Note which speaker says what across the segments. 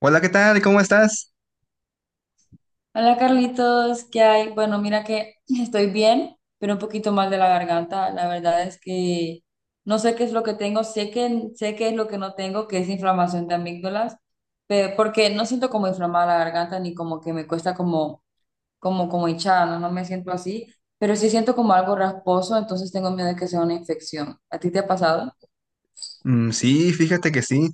Speaker 1: Hola, ¿qué tal? ¿Cómo estás?
Speaker 2: Hola Carlitos, ¿qué hay? Bueno, mira que estoy bien, pero un poquito mal de la garganta. La verdad es que no sé qué es lo que tengo, sé qué es lo que no tengo, que es inflamación de amígdalas, pero porque no siento como inflamada la garganta ni como que me cuesta como hinchada, no, no me siento así, pero sí siento como algo rasposo, entonces tengo miedo de que sea una infección. ¿A ti te ha pasado?
Speaker 1: Mm, sí, fíjate que sí.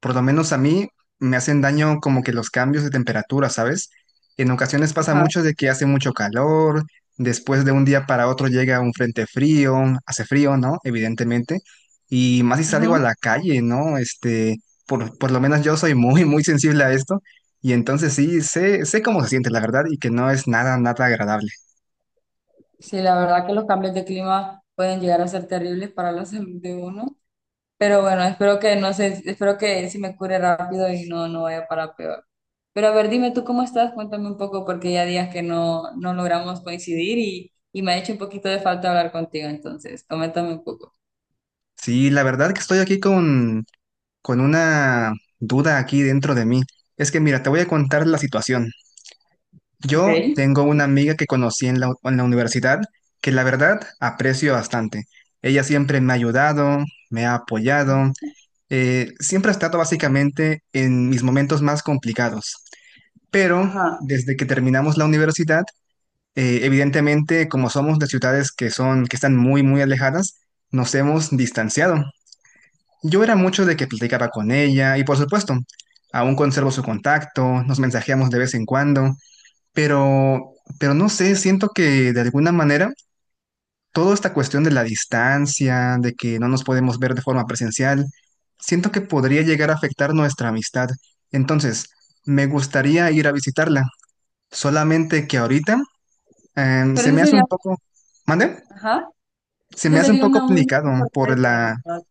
Speaker 1: Por lo menos a mí me hacen daño como que los cambios de temperatura, ¿sabes? En ocasiones pasa
Speaker 2: Ajá.
Speaker 1: mucho de que hace mucho calor, después de un día para otro llega un frente frío, hace frío, ¿no? Evidentemente. Y más si salgo a
Speaker 2: Ujú.
Speaker 1: la calle, ¿no? Por lo menos yo soy muy, muy sensible a esto. Y entonces sí, sé cómo se siente, la verdad, y que no es nada, nada agradable.
Speaker 2: Sí, la verdad que los cambios de clima pueden llegar a ser terribles para la salud de uno. Pero bueno, espero que no sé, espero que se me cure rápido y no, no vaya para peor. Pero a ver, dime tú cómo estás, cuéntame un poco, porque ya días que no, no logramos coincidir y me ha hecho un poquito de falta hablar contigo, entonces, coméntame un poco.
Speaker 1: Sí, la verdad que estoy aquí con una duda aquí dentro de mí. Es que mira, te voy a contar la situación.
Speaker 2: Ok.
Speaker 1: Yo tengo una amiga que conocí en la universidad que la verdad aprecio bastante. Ella siempre me ha ayudado, me ha apoyado, siempre ha estado básicamente en mis momentos más complicados. Pero
Speaker 2: Ajá.
Speaker 1: desde que terminamos la universidad, evidentemente como somos de ciudades que están muy, muy alejadas, nos hemos distanciado. Yo era mucho de que platicaba con ella y por supuesto, aún conservo su contacto, nos mensajeamos de vez en cuando, pero, pero no sé, siento que de alguna manera toda esta cuestión de la distancia, de que no nos podemos ver de forma presencial, siento que podría llegar a afectar nuestra amistad. Entonces, me gustaría ir a visitarla, solamente que ahorita
Speaker 2: Pero
Speaker 1: se
Speaker 2: eso
Speaker 1: me hace un
Speaker 2: sería,
Speaker 1: poco, ¿mande?
Speaker 2: ajá,
Speaker 1: Se me
Speaker 2: esa
Speaker 1: hace un
Speaker 2: sería
Speaker 1: poco
Speaker 2: una muy
Speaker 1: complicado
Speaker 2: buena
Speaker 1: por
Speaker 2: sorpresa,
Speaker 1: la,
Speaker 2: ¿verdad?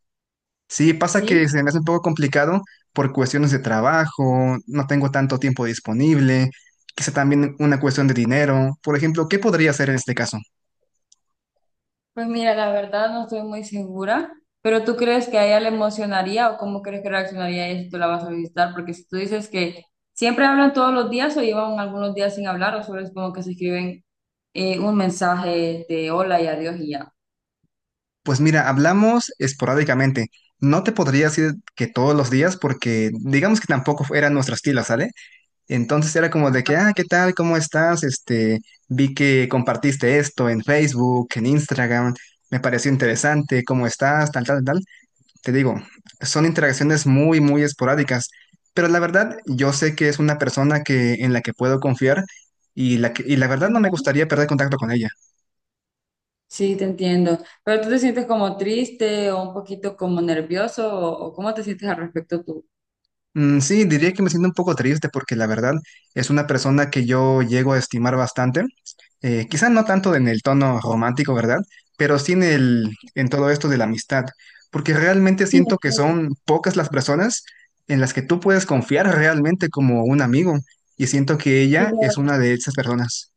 Speaker 1: sí, pasa que
Speaker 2: ¿Sí?
Speaker 1: se me hace un poco complicado por cuestiones de trabajo, no tengo tanto tiempo disponible, quizá también una cuestión de dinero. Por ejemplo, ¿qué podría hacer en este caso?
Speaker 2: Pues mira, la verdad no estoy muy segura, pero ¿tú crees que a ella le emocionaría o cómo crees que reaccionaría ella si tú la vas a visitar? Porque si tú dices que siempre hablan todos los días o llevan algunos días sin hablar o solo es como que se escriben un mensaje de hola y adiós y ya.
Speaker 1: Pues mira, hablamos esporádicamente. No te podría decir que todos los días porque digamos que tampoco era nuestro estilo, ¿sale? Entonces era como de
Speaker 2: Ajá,
Speaker 1: que, ah, ¿qué tal? ¿Cómo estás? Este, vi que compartiste esto en Facebook, en Instagram, me pareció interesante, ¿cómo estás? Tal, tal, tal. Te digo, son interacciones muy, muy esporádicas, pero la verdad yo sé que es una persona que, en la que puedo confiar y la verdad no me
Speaker 2: ajá.
Speaker 1: gustaría perder contacto con ella.
Speaker 2: Sí, te entiendo. Pero tú te sientes como triste o un poquito como nervioso o cómo te sientes al respecto tú?
Speaker 1: Mm, sí, diría que me siento un poco triste porque la verdad es una persona que yo llego a estimar bastante, quizá no tanto en el tono romántico, ¿verdad? Pero sí en todo esto de la amistad, porque realmente
Speaker 2: Sí,
Speaker 1: siento que
Speaker 2: sí,
Speaker 1: son pocas las personas en las que tú puedes confiar realmente como un amigo y siento que
Speaker 2: sí,
Speaker 1: ella
Speaker 2: la
Speaker 1: es
Speaker 2: verdad.
Speaker 1: una de esas personas.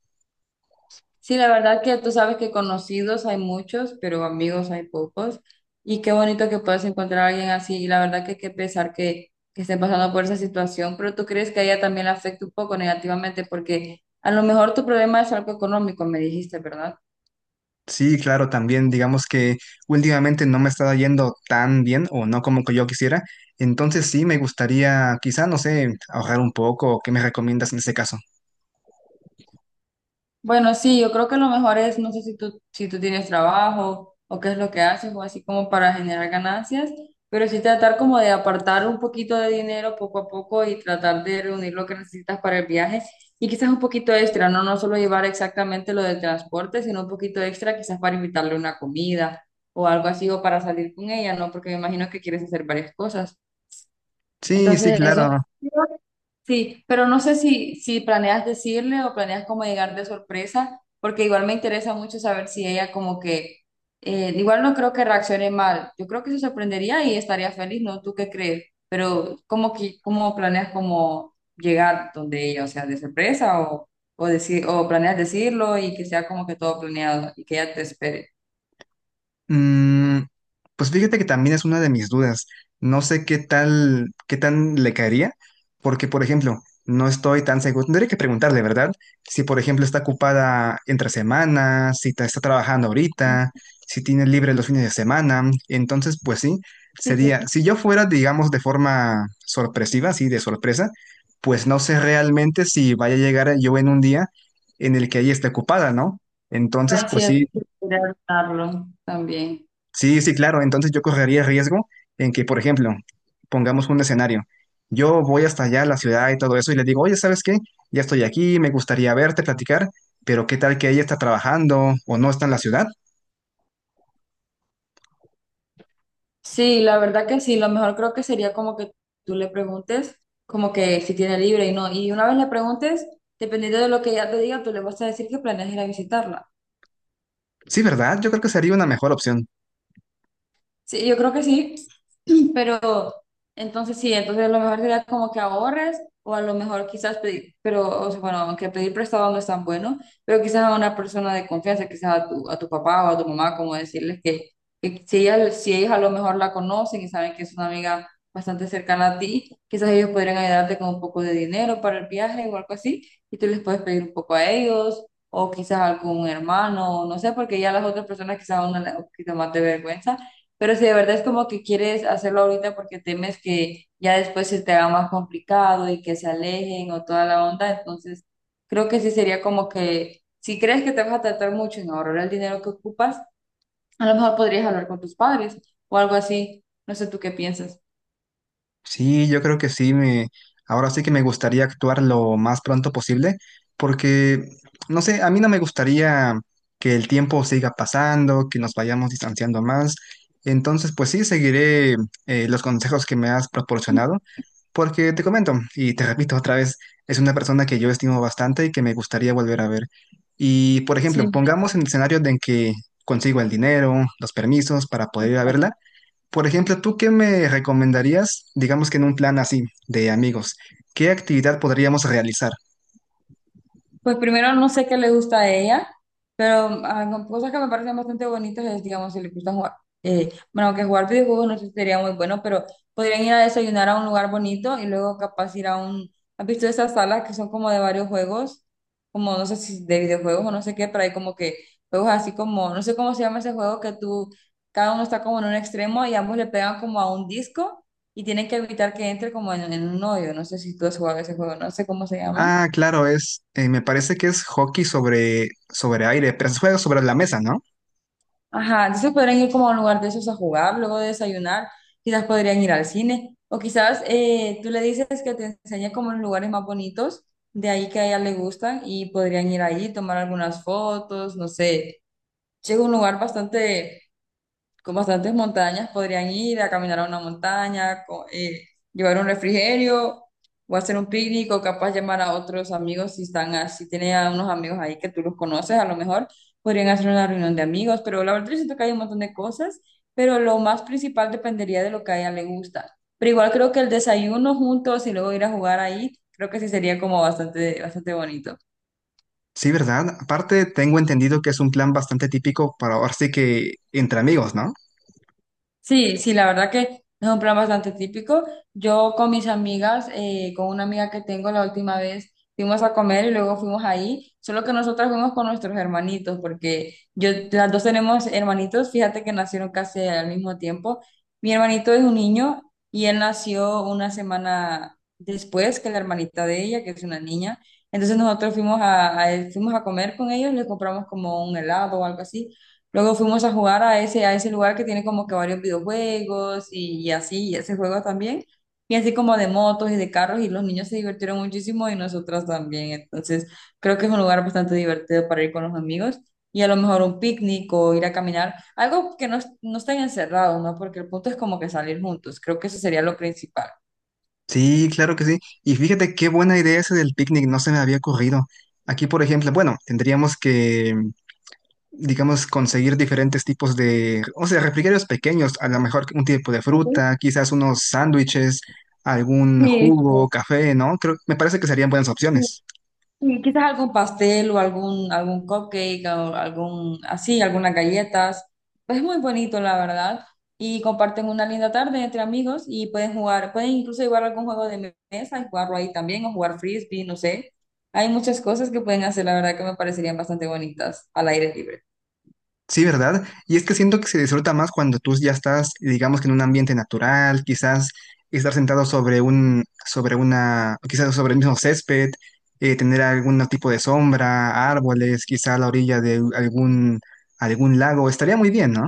Speaker 2: Sí, la verdad que tú sabes que conocidos hay muchos, pero amigos hay pocos. Y qué bonito que puedas encontrar a alguien así. Y la verdad que qué pesar que estén pasando por esa situación, pero tú crees que a ella también le afecta un poco negativamente porque a lo mejor tu problema es algo económico, me dijiste, ¿verdad?
Speaker 1: Sí, claro, también digamos que últimamente no me está yendo tan bien o no como que yo quisiera, entonces sí me gustaría quizá, no sé, ahorrar un poco, ¿qué me recomiendas en ese caso?
Speaker 2: Bueno, sí, yo creo que lo mejor es, no sé si tú, si tú tienes trabajo o qué es lo que haces o así como para generar ganancias, pero sí tratar como de apartar un poquito de dinero poco a poco y tratar de reunir lo que necesitas para el viaje y quizás un poquito extra, no, no solo llevar exactamente lo del transporte, sino un poquito extra quizás para invitarle una comida o algo así o para salir con ella, ¿no? Porque me imagino que quieres hacer varias cosas.
Speaker 1: Sí, sí,
Speaker 2: Entonces eso.
Speaker 1: claro.
Speaker 2: Sí, pero no sé si planeas decirle o planeas como llegar de sorpresa, porque igual me interesa mucho saber si ella como que, igual no creo que reaccione mal, yo creo que se sorprendería y estaría feliz, ¿no? ¿Tú qué crees? Pero cómo que, ¿cómo planeas como llegar donde ella, o sea, de sorpresa o, decir, o planeas decirlo y que sea como que todo planeado y que ella te espere?
Speaker 1: Mm, pues fíjate que también es una de mis dudas. No sé qué tan le caería, porque, por ejemplo, no estoy tan seguro. Tendría que preguntarle, ¿verdad? Si, por ejemplo, está ocupada entre semanas, si está trabajando ahorita,
Speaker 2: Sí,
Speaker 1: si tiene libre los fines de semana. Entonces, pues sí,
Speaker 2: sí,
Speaker 1: sería,
Speaker 2: sí,
Speaker 1: si yo fuera, digamos, de forma sorpresiva, así de sorpresa, pues no sé realmente si vaya a llegar yo en un día en el que ella esté ocupada, ¿no? Entonces,
Speaker 2: es
Speaker 1: pues
Speaker 2: cierto,
Speaker 1: sí.
Speaker 2: hay que esperarlo también.
Speaker 1: Sí, sí, claro. Entonces yo correría riesgo en que, por ejemplo, pongamos un escenario. Yo voy hasta allá a la ciudad y todo eso y le digo, oye, ¿sabes qué? Ya estoy aquí, me gustaría verte, platicar, pero ¿qué tal que ella está trabajando o no está en la ciudad?
Speaker 2: Sí, la verdad que sí, lo mejor creo que sería como que tú le preguntes como que si tiene libre y no, y una vez le preguntes, dependiendo de lo que ella te diga, tú le vas a decir que planeas ir a visitarla.
Speaker 1: Sí, ¿verdad? Yo creo que sería una mejor opción.
Speaker 2: Sí, yo creo que sí, pero entonces sí, entonces a lo mejor sería como que ahorres o a lo mejor quizás pedir, pero o sea, bueno, aunque pedir prestado no es tan bueno, pero quizás a una persona de confianza, quizás a tu papá o a tu mamá, como decirles que si ellas, si ellos a lo mejor la conocen y saben que es una amiga bastante cercana a ti, quizás ellos podrían ayudarte con un poco de dinero para el viaje o algo así, y tú les puedes pedir un poco a ellos. O quizás algún hermano, no sé, porque ya las otras personas quizás a una le da un poquito más de vergüenza pero si de verdad es como que quieres hacerlo ahorita porque temes que ya después se te haga más complicado y que se alejen o toda la onda, entonces creo que sí sería como que si crees que te vas a tratar mucho en ahorrar el dinero que ocupas, a lo mejor podrías hablar con tus padres o algo así. No sé tú qué piensas.
Speaker 1: Sí, yo creo que sí, me, ahora sí que me gustaría actuar lo más pronto posible, porque, no sé, a mí no me gustaría que el tiempo siga pasando, que nos vayamos distanciando más. Entonces, pues sí, seguiré los consejos que me has proporcionado, porque te comento, y te repito otra vez, es una persona que yo estimo bastante y que me gustaría volver a ver. Y, por ejemplo,
Speaker 2: Sí.
Speaker 1: pongamos en el escenario de en que consigo el dinero, los permisos para poder ir a verla. Por ejemplo, ¿tú qué me recomendarías, digamos que en un plan así, de amigos? ¿Qué actividad podríamos realizar?
Speaker 2: Pues primero no sé qué le gusta a ella, pero ah, con cosas que me parecen bastante bonitas es, digamos, si le gusta jugar, bueno, que jugar videojuegos no sé si sería muy bueno, pero podrían ir a desayunar a un lugar bonito y luego capaz ir a un, ¿has visto esas salas que son como de varios juegos? Como no sé si de videojuegos o no sé qué, pero hay como que juegos así como, no sé cómo se llama ese juego que tú, cada uno está como en un extremo y ambos le pegan como a un disco y tienen que evitar que entre como en un hoyo, no sé si tú has jugado ese juego, no sé cómo se llama.
Speaker 1: Ah, claro, me parece que es hockey sobre aire, pero se juega sobre la mesa, ¿no?
Speaker 2: Ajá, entonces podrían ir como a un lugar de esos a jugar, luego de desayunar, quizás podrían ir al cine, o quizás tú le dices que te enseñe como los lugares más bonitos de ahí que a ella le gustan y podrían ir ahí, tomar algunas fotos, no sé, llega un lugar bastante con bastantes montañas, podrían ir a caminar a una montaña, llevar un refrigerio o hacer un picnic o capaz llamar a otros amigos si están, a- si tienen a unos amigos ahí que tú los conoces, a lo mejor podrían hacer una reunión de amigos, pero la verdad yo siento que hay un montón de cosas, pero lo más principal dependería de lo que a ella le gusta. Pero igual creo que el desayuno juntos y luego ir a jugar ahí, creo que sí sería como bastante, bastante bonito.
Speaker 1: Sí, ¿verdad? Aparte, tengo entendido que es un plan bastante típico para ahora sí que entre amigos, ¿no?
Speaker 2: Sí, sí, la verdad que es un plan bastante típico. Yo con mis amigas, con una amiga que tengo la última vez, fuimos a comer y luego fuimos ahí, solo que nosotras fuimos con nuestros hermanitos, porque yo, las dos tenemos hermanitos, fíjate que nacieron casi al mismo tiempo. Mi hermanito es un niño y él nació una semana después que la hermanita de ella, que es una niña. Entonces nosotros fuimos a, fuimos a comer con ellos, les compramos como un helado o algo así. Luego fuimos a jugar a ese lugar que tiene como que varios videojuegos y así, y ese juego también. Y así como de motos y de carros, y los niños se divirtieron muchísimo y nosotras también. Entonces, creo que es un lugar bastante divertido para ir con los amigos y a lo mejor un picnic o ir a caminar, algo que no, no estén encerrados, ¿no? Porque el punto es como que salir juntos. Creo que eso sería lo principal.
Speaker 1: Sí, claro que sí. Y fíjate qué buena idea esa del picnic, no se me había ocurrido. Aquí, por ejemplo, bueno, tendríamos que, digamos, conseguir diferentes tipos de, o sea, refrigerios pequeños, a lo mejor un tipo de fruta, quizás unos sándwiches, algún
Speaker 2: Sí,
Speaker 1: jugo, café, ¿no? Creo, me parece que serían buenas
Speaker 2: sí.
Speaker 1: opciones.
Speaker 2: Sí, quizás algún pastel o algún, algún cupcake o algún, así, algunas galletas. Pues es muy bonito, la verdad. Y comparten una linda tarde entre amigos y pueden jugar, pueden incluso jugar algún juego de mesa y jugarlo ahí también o jugar frisbee, no sé. Hay muchas cosas que pueden hacer, la verdad, que me parecerían bastante bonitas al aire libre.
Speaker 1: Sí, ¿verdad? Y es que siento que se disfruta más cuando tú ya estás, digamos que en un ambiente natural, quizás estar sentado sobre un, sobre una, quizás sobre el mismo césped, tener algún tipo de sombra, árboles, quizás a la orilla de algún lago, estaría muy bien, ¿no?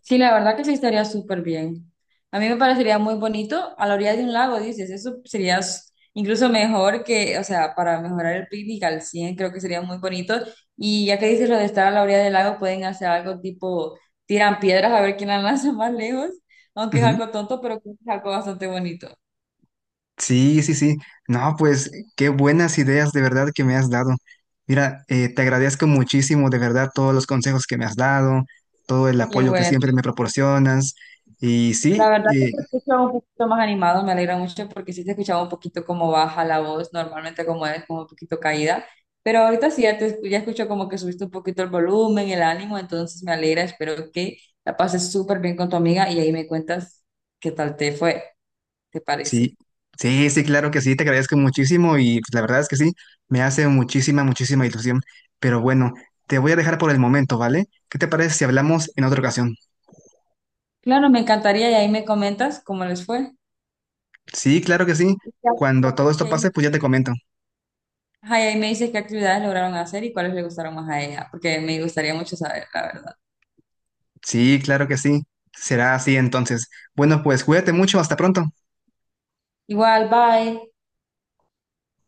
Speaker 2: Sí, la verdad que sí estaría súper bien. A mí me parecería muy bonito a la orilla de un lago, dices, eso sería s- incluso mejor que, o sea, para mejorar el picnic al 100, creo que sería muy bonito. Y ya que dices lo de estar a la orilla del lago, pueden hacer algo tipo, tiran piedras a ver quién la lanza más lejos, aunque es algo tonto, pero creo que es algo bastante bonito.
Speaker 1: Sí, sí, sí. No, pues qué buenas ideas de verdad que me has dado. Mira, te agradezco muchísimo de verdad todos los consejos que me has dado, todo el
Speaker 2: Qué
Speaker 1: apoyo que
Speaker 2: bueno.
Speaker 1: siempre me proporcionas. Y
Speaker 2: La
Speaker 1: sí,
Speaker 2: verdad que te escucho un poquito más animado, me alegra mucho porque sí te escuchaba un poquito como baja la voz, normalmente como es como un poquito caída, pero ahorita sí ya, te, ya escucho como que subiste un poquito el volumen, el ánimo, entonces me alegra, espero que la pases súper bien con tu amiga y ahí me cuentas qué tal te fue, ¿te
Speaker 1: sí,
Speaker 2: parece?
Speaker 1: sí, claro que sí, te agradezco muchísimo y pues, la verdad es que sí, me hace muchísima, muchísima ilusión. Pero bueno, te voy a dejar por el momento, ¿vale? ¿Qué te parece si hablamos en otra ocasión?
Speaker 2: Claro, me encantaría y ahí me comentas cómo les fue.
Speaker 1: Sí, claro que sí.
Speaker 2: Y qué
Speaker 1: Cuando todo
Speaker 2: actividades- y
Speaker 1: esto
Speaker 2: ahí
Speaker 1: pase,
Speaker 2: me,
Speaker 1: pues ya te comento.
Speaker 2: ajá, y ahí me dices qué actividades lograron hacer y cuáles le gustaron más a ella, porque me gustaría mucho saber, la verdad.
Speaker 1: Sí, claro que sí. Será así entonces. Bueno, pues cuídate mucho. Hasta pronto.
Speaker 2: Igual, bye.